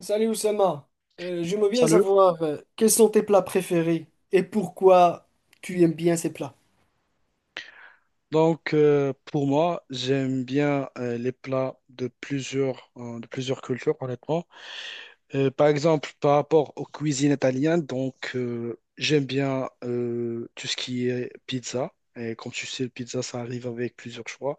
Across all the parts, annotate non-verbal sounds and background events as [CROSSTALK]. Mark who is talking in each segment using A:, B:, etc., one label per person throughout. A: Salut Oussama. J'aimerais bien
B: Salut.
A: savoir quels sont tes plats préférés et pourquoi tu aimes bien ces plats.
B: Pour moi, j'aime bien les plats de plusieurs cultures, honnêtement. Par exemple, par rapport aux cuisines italiennes, j'aime bien tout ce qui est pizza. Et comme tu sais, le pizza, ça arrive avec plusieurs choix.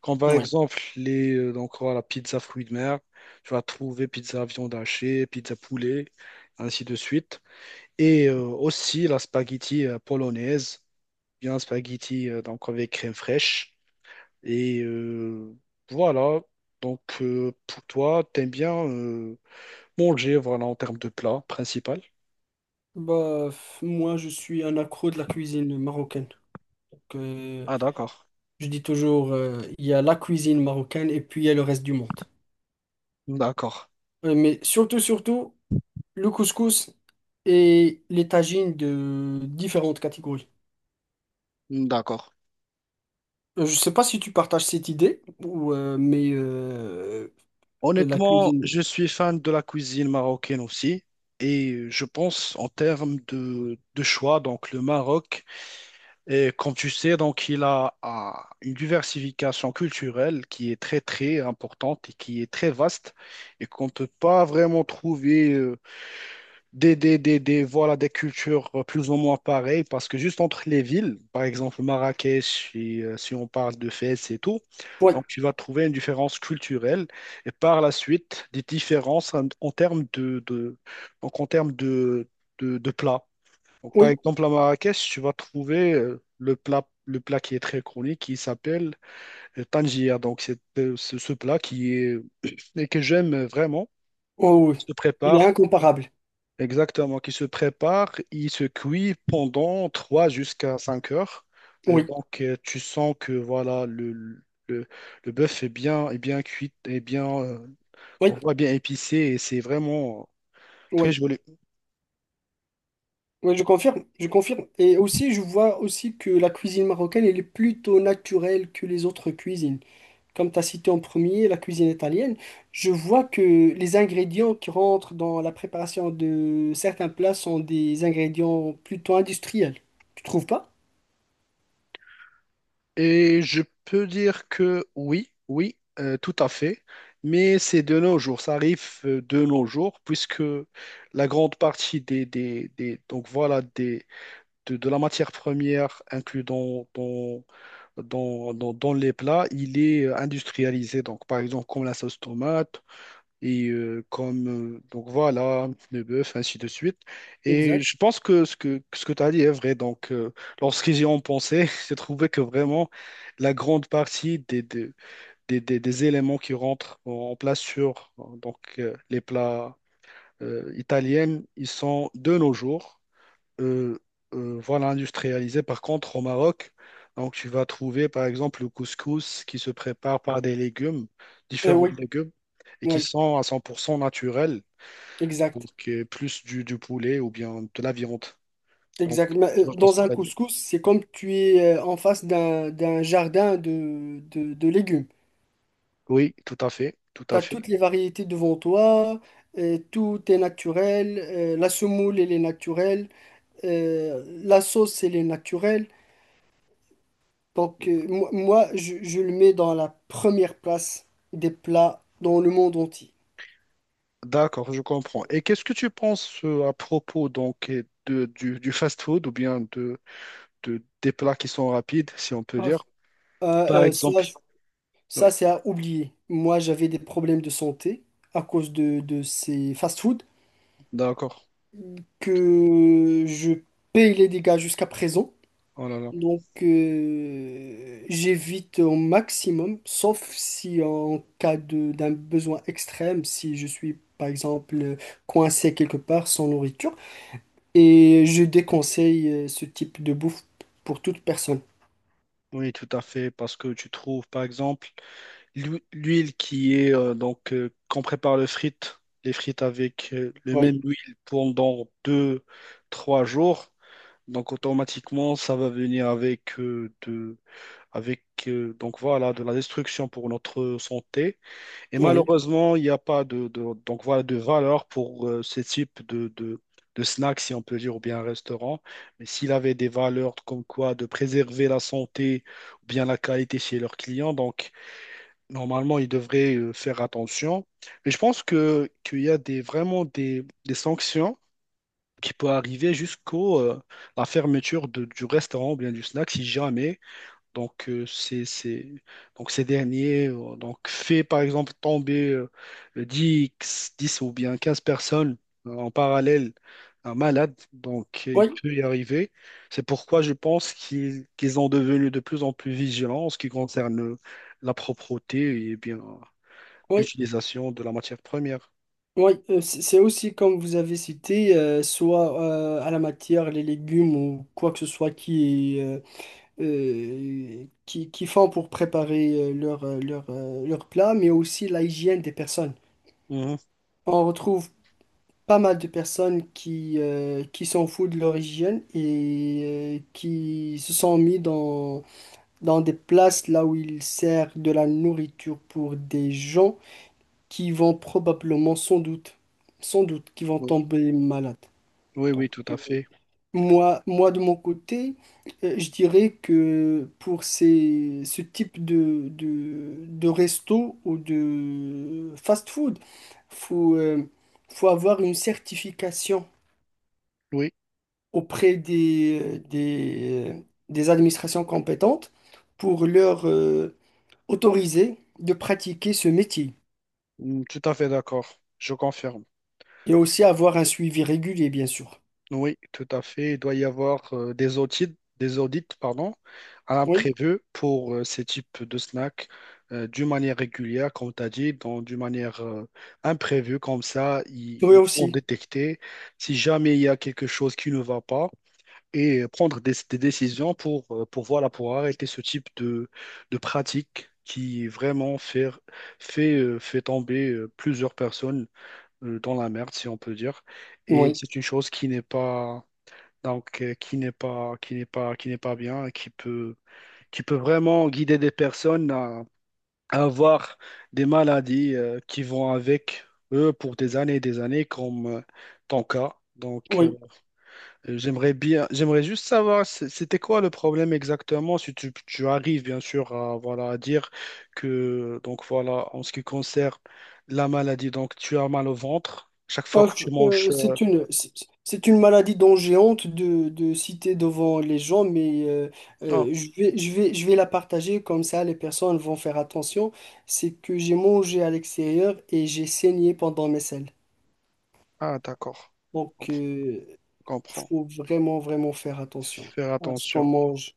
B: Comme par
A: Ouais.
B: exemple, voilà, pizza fruits de mer, tu vas trouver pizza viande hachée, pizza poulet, ainsi de suite. Et aussi la spaghetti polonaise, bien spaghetti donc avec crème fraîche. Et euh, voilà, pour toi, t'aimes bien manger, voilà, en termes de plat principal.
A: Bah, moi je suis un accro de la cuisine marocaine. Donc,
B: Ah d'accord,
A: je dis toujours, il y a la cuisine marocaine et puis il y a le reste du monde.
B: d'accord,
A: Mais surtout, le couscous et les tagines de différentes catégories.
B: d'accord.
A: Je sais pas si tu partages cette idée, ou, mais Et la
B: Honnêtement,
A: cuisine.
B: je suis fan de la cuisine marocaine aussi. Et je pense en termes de choix, donc le Maroc, et comme tu sais, donc il a une diversification culturelle qui est très très importante et qui est très vaste et qu'on ne peut pas vraiment trouver. Voilà, des cultures plus ou moins pareilles, parce que juste entre les villes, par exemple Marrakech, si on parle de Fès et tout,
A: Oui,
B: donc tu vas trouver une différence culturelle et par la suite des différences en termes de plats. Donc, par
A: oui,
B: exemple à Marrakech, tu vas trouver le plat qui est très connu qui s'appelle Tangier. Donc c'est ce plat qui est [COUGHS] [CLEARS THROAT] et que j'aime vraiment
A: oh, oui.
B: se
A: Il est
B: prépare.
A: incomparable.
B: Exactement, qui se prépare, il se cuit pendant 3 jusqu'à 5 heures. Et
A: Oui,
B: donc, tu sens que voilà, le, le bœuf est bien cuit,
A: oui,
B: on voit bien épicé et c'est vraiment très
A: oui.
B: joli.
A: Oui, je confirme, je confirme. Et aussi, je vois aussi que la cuisine marocaine, elle est plutôt naturelle que les autres cuisines. Comme tu as cité en premier, la cuisine italienne, je vois que les ingrédients qui rentrent dans la préparation de certains plats sont des ingrédients plutôt industriels. Tu trouves pas?
B: Et je peux dire que oui, oui, tout à fait. Mais c'est de nos jours, ça arrive de nos jours, puisque la grande partie de la matière première inclue dans les plats, il est industrialisé. Donc, par exemple, comme la sauce tomate et comme, donc voilà, le bœuf, ainsi de suite. Et
A: Exact.
B: je pense que ce que tu as dit est vrai. Lorsqu'ils y ont pensé, [LAUGHS] j'ai trouvé que vraiment la grande partie des éléments qui rentrent en place sur les plats italiens, ils sont de nos jours euh, voilà, industrialisé. Par contre, au Maroc, donc tu vas trouver par exemple le couscous qui se prépare par des légumes, différents
A: Oui,
B: légumes, et qui
A: oui.
B: sont à 100% naturels, donc
A: Exact,
B: plus du poulet ou bien de la viande. Donc,
A: exact. Mais,
B: je vois ce que
A: dans un
B: tu as dit.
A: couscous, c'est comme tu es en face d'un jardin de légumes.
B: Oui, tout à fait, tout
A: Tu
B: à
A: as
B: fait.
A: toutes les variétés devant toi, tout est naturel, la semoule, elle est naturelle, la sauce, elle est naturelle. Donc, moi, je le mets dans la première place des plats dans le monde entier.
B: D'accord, je comprends. Et qu'est-ce que tu penses à propos du fast-food ou bien des plats qui sont rapides, si on peut
A: Ah,
B: dire? Par
A: euh, euh, ça,
B: exemple. Oui,
A: ça c'est à oublier. Moi, j'avais des problèmes de santé à cause de ces fast-foods.
B: d'accord.
A: Que je paye les dégâts jusqu'à présent.
B: Oh là là.
A: Donc, j'évite au maximum, sauf si en cas de d'un besoin extrême, si je suis par exemple coincé quelque part sans nourriture. Et je déconseille ce type de bouffe pour toute personne.
B: Oui, tout à fait, parce que tu trouves, par exemple, l'huile qui est, qu'on prépare les frites avec le même
A: Oui,
B: huile pendant deux, trois jours, donc automatiquement, ça va venir avec voilà, de la destruction pour notre santé. Et
A: oui,
B: malheureusement, il n'y a pas de voilà, de valeur pour ce type de snack, si on peut dire, ou bien un restaurant. Mais s'il avait des valeurs comme quoi de préserver la santé ou bien la qualité chez leurs clients, donc normalement, ils devraient faire attention. Mais je pense que qu'il y a des, vraiment des sanctions qui peuvent arriver jusqu'au la fermeture du restaurant ou bien du snack si jamais c'est, donc ces derniers donc fait par exemple tomber 10 10 ou bien 15 personnes en parallèle un malade, donc il
A: oui,
B: peut y arriver. C'est pourquoi je pense qu'ils ont devenu de plus en plus vigilants en ce qui concerne la propreté et bien
A: oui,
B: l'utilisation de la matière première.
A: oui. C'est aussi comme vous avez cité, soit à la matière, les légumes ou quoi que ce soit qui est qui font pour préparer leur plat, mais aussi la hygiène des personnes.
B: Mhm.
A: On retrouve pas mal de personnes qui s'en foutent de leur hygiène et qui se sont mis dans des places là où ils servent de la nourriture pour des gens qui vont probablement, sans doute, sans doute, qui vont
B: Oui.
A: tomber malades.
B: Oui, oui,
A: Donc,
B: tout à fait.
A: moi de mon côté, je dirais que pour ce type de resto ou de fast-food, faut, euh, faut avoir une certification
B: Oui.
A: auprès des administrations compétentes pour leur autoriser de pratiquer ce métier.
B: Mm, tout à fait d'accord. Je confirme.
A: Et aussi avoir un suivi régulier, bien sûr.
B: Oui, tout à fait. Il doit y avoir des audits, pardon, à
A: Oui,
B: l'imprévu pour ces types de snacks d'une manière régulière, comme tu as dit, donc d'une manière imprévue, comme ça,
A: oui
B: ils vont
A: aussi.
B: détecter si jamais il y a quelque chose qui ne va pas et prendre des décisions pour, voilà, pour arrêter ce type de pratique qui vraiment fait tomber plusieurs personnes dans la merde, si on peut dire. Et
A: Oui,
B: c'est une chose qui n'est pas donc qui n'est pas, qui n'est pas, qui n'est pas bien, et qui peut vraiment guider des personnes à avoir des maladies qui vont avec eux pour des années et des années, comme ton cas.
A: oui.
B: J'aimerais juste savoir, c'était quoi le problème exactement, si tu arrives bien sûr à, voilà, à dire que, donc voilà, en ce qui concerne la maladie, donc tu as mal au ventre chaque fois
A: Ah,
B: que tu manges.
A: c'est une, c'est une maladie dont j'ai honte de citer devant les gens, mais
B: Non.
A: je vais la partager comme ça les personnes vont faire attention. C'est que j'ai mangé à l'extérieur et j'ai saigné pendant mes selles.
B: Ah, d'accord.
A: Donc,
B: Compre- Comprends.
A: faut vraiment, vraiment faire attention
B: Faire
A: à ce qu'on
B: attention.
A: mange.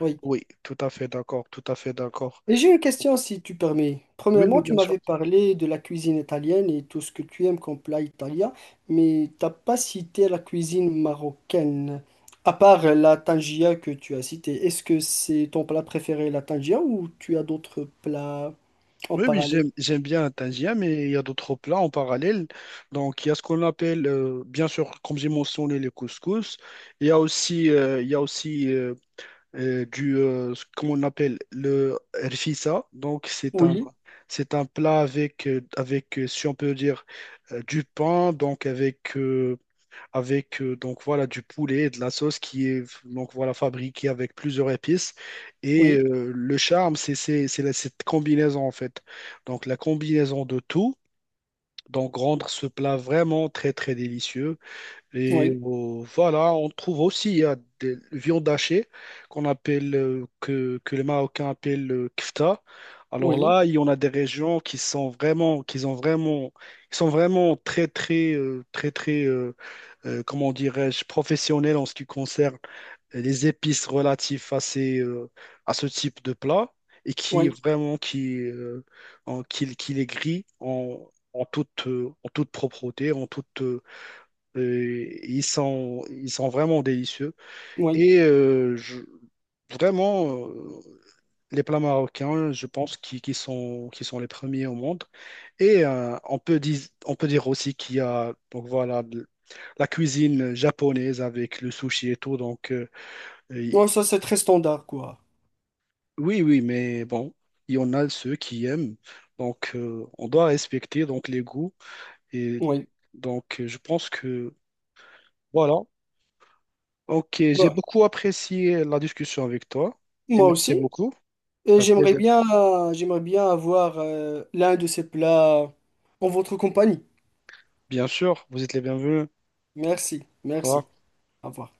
A: Oui.
B: Oui, tout à fait d'accord, tout à fait d'accord.
A: Et j'ai une question si tu permets.
B: Oui, oui,
A: Premièrement, tu
B: bien sûr.
A: m'avais parlé de la cuisine italienne et tout ce que tu aimes comme plat italien, mais t'as pas cité la cuisine marocaine, à part la tangia que tu as citée. Est-ce que c'est ton plat préféré, la tangia, ou tu as d'autres plats en
B: Oui, oui,
A: parallèle?
B: j'aime bien un tangien, mais il y a d'autres plats en parallèle. Donc, il y a ce qu'on appelle, bien sûr, comme j'ai mentionné, les couscous. Il y a aussi ce qu'on appelle le rfissa. Donc,
A: Oui,
B: c'est un plat si on peut dire, du pain, avec donc voilà du poulet et de la sauce qui est donc voilà fabriquée avec plusieurs épices et
A: oui,
B: le charme c'est cette combinaison en fait donc la combinaison de tout donc rendre ce plat vraiment très très délicieux et
A: oui,
B: voilà, on trouve aussi il y a des viandes hachées qu'on appelle, que les Marocains appellent le kfta. Alors
A: oui,
B: là, il y en a des régions qui sont vraiment, qui ont vraiment, qui sont vraiment comment dirais-je, professionnelles en ce qui concerne les épices relatives à à ce type de plat et qui
A: oui,
B: vraiment, qui les grillent en toute propreté, en toute ils sont vraiment délicieux.
A: oui.
B: Et euh, je- vraiment, euh, les plats marocains, je pense qu'ils sont les premiers au monde. Et euh, on peut dire, on peut dire aussi qu'il y a donc voilà, la cuisine japonaise avec le sushi et tout.
A: Non,
B: Et-
A: ça c'est très standard, quoi.
B: oui, oui, mais bon, il y en a ceux qui aiment. Donc, on doit respecter donc, les goûts. Et
A: Oui.
B: donc, je pense que voilà, Ok, j'ai
A: Bah,
B: beaucoup apprécié la discussion avec toi et
A: moi
B: merci
A: aussi.
B: beaucoup.
A: Et
B: Un plaisir.
A: j'aimerais bien avoir l'un de ces plats en votre compagnie.
B: Bien sûr, vous êtes les bienvenus.
A: Merci,
B: Au
A: merci.
B: revoir.
A: Au revoir.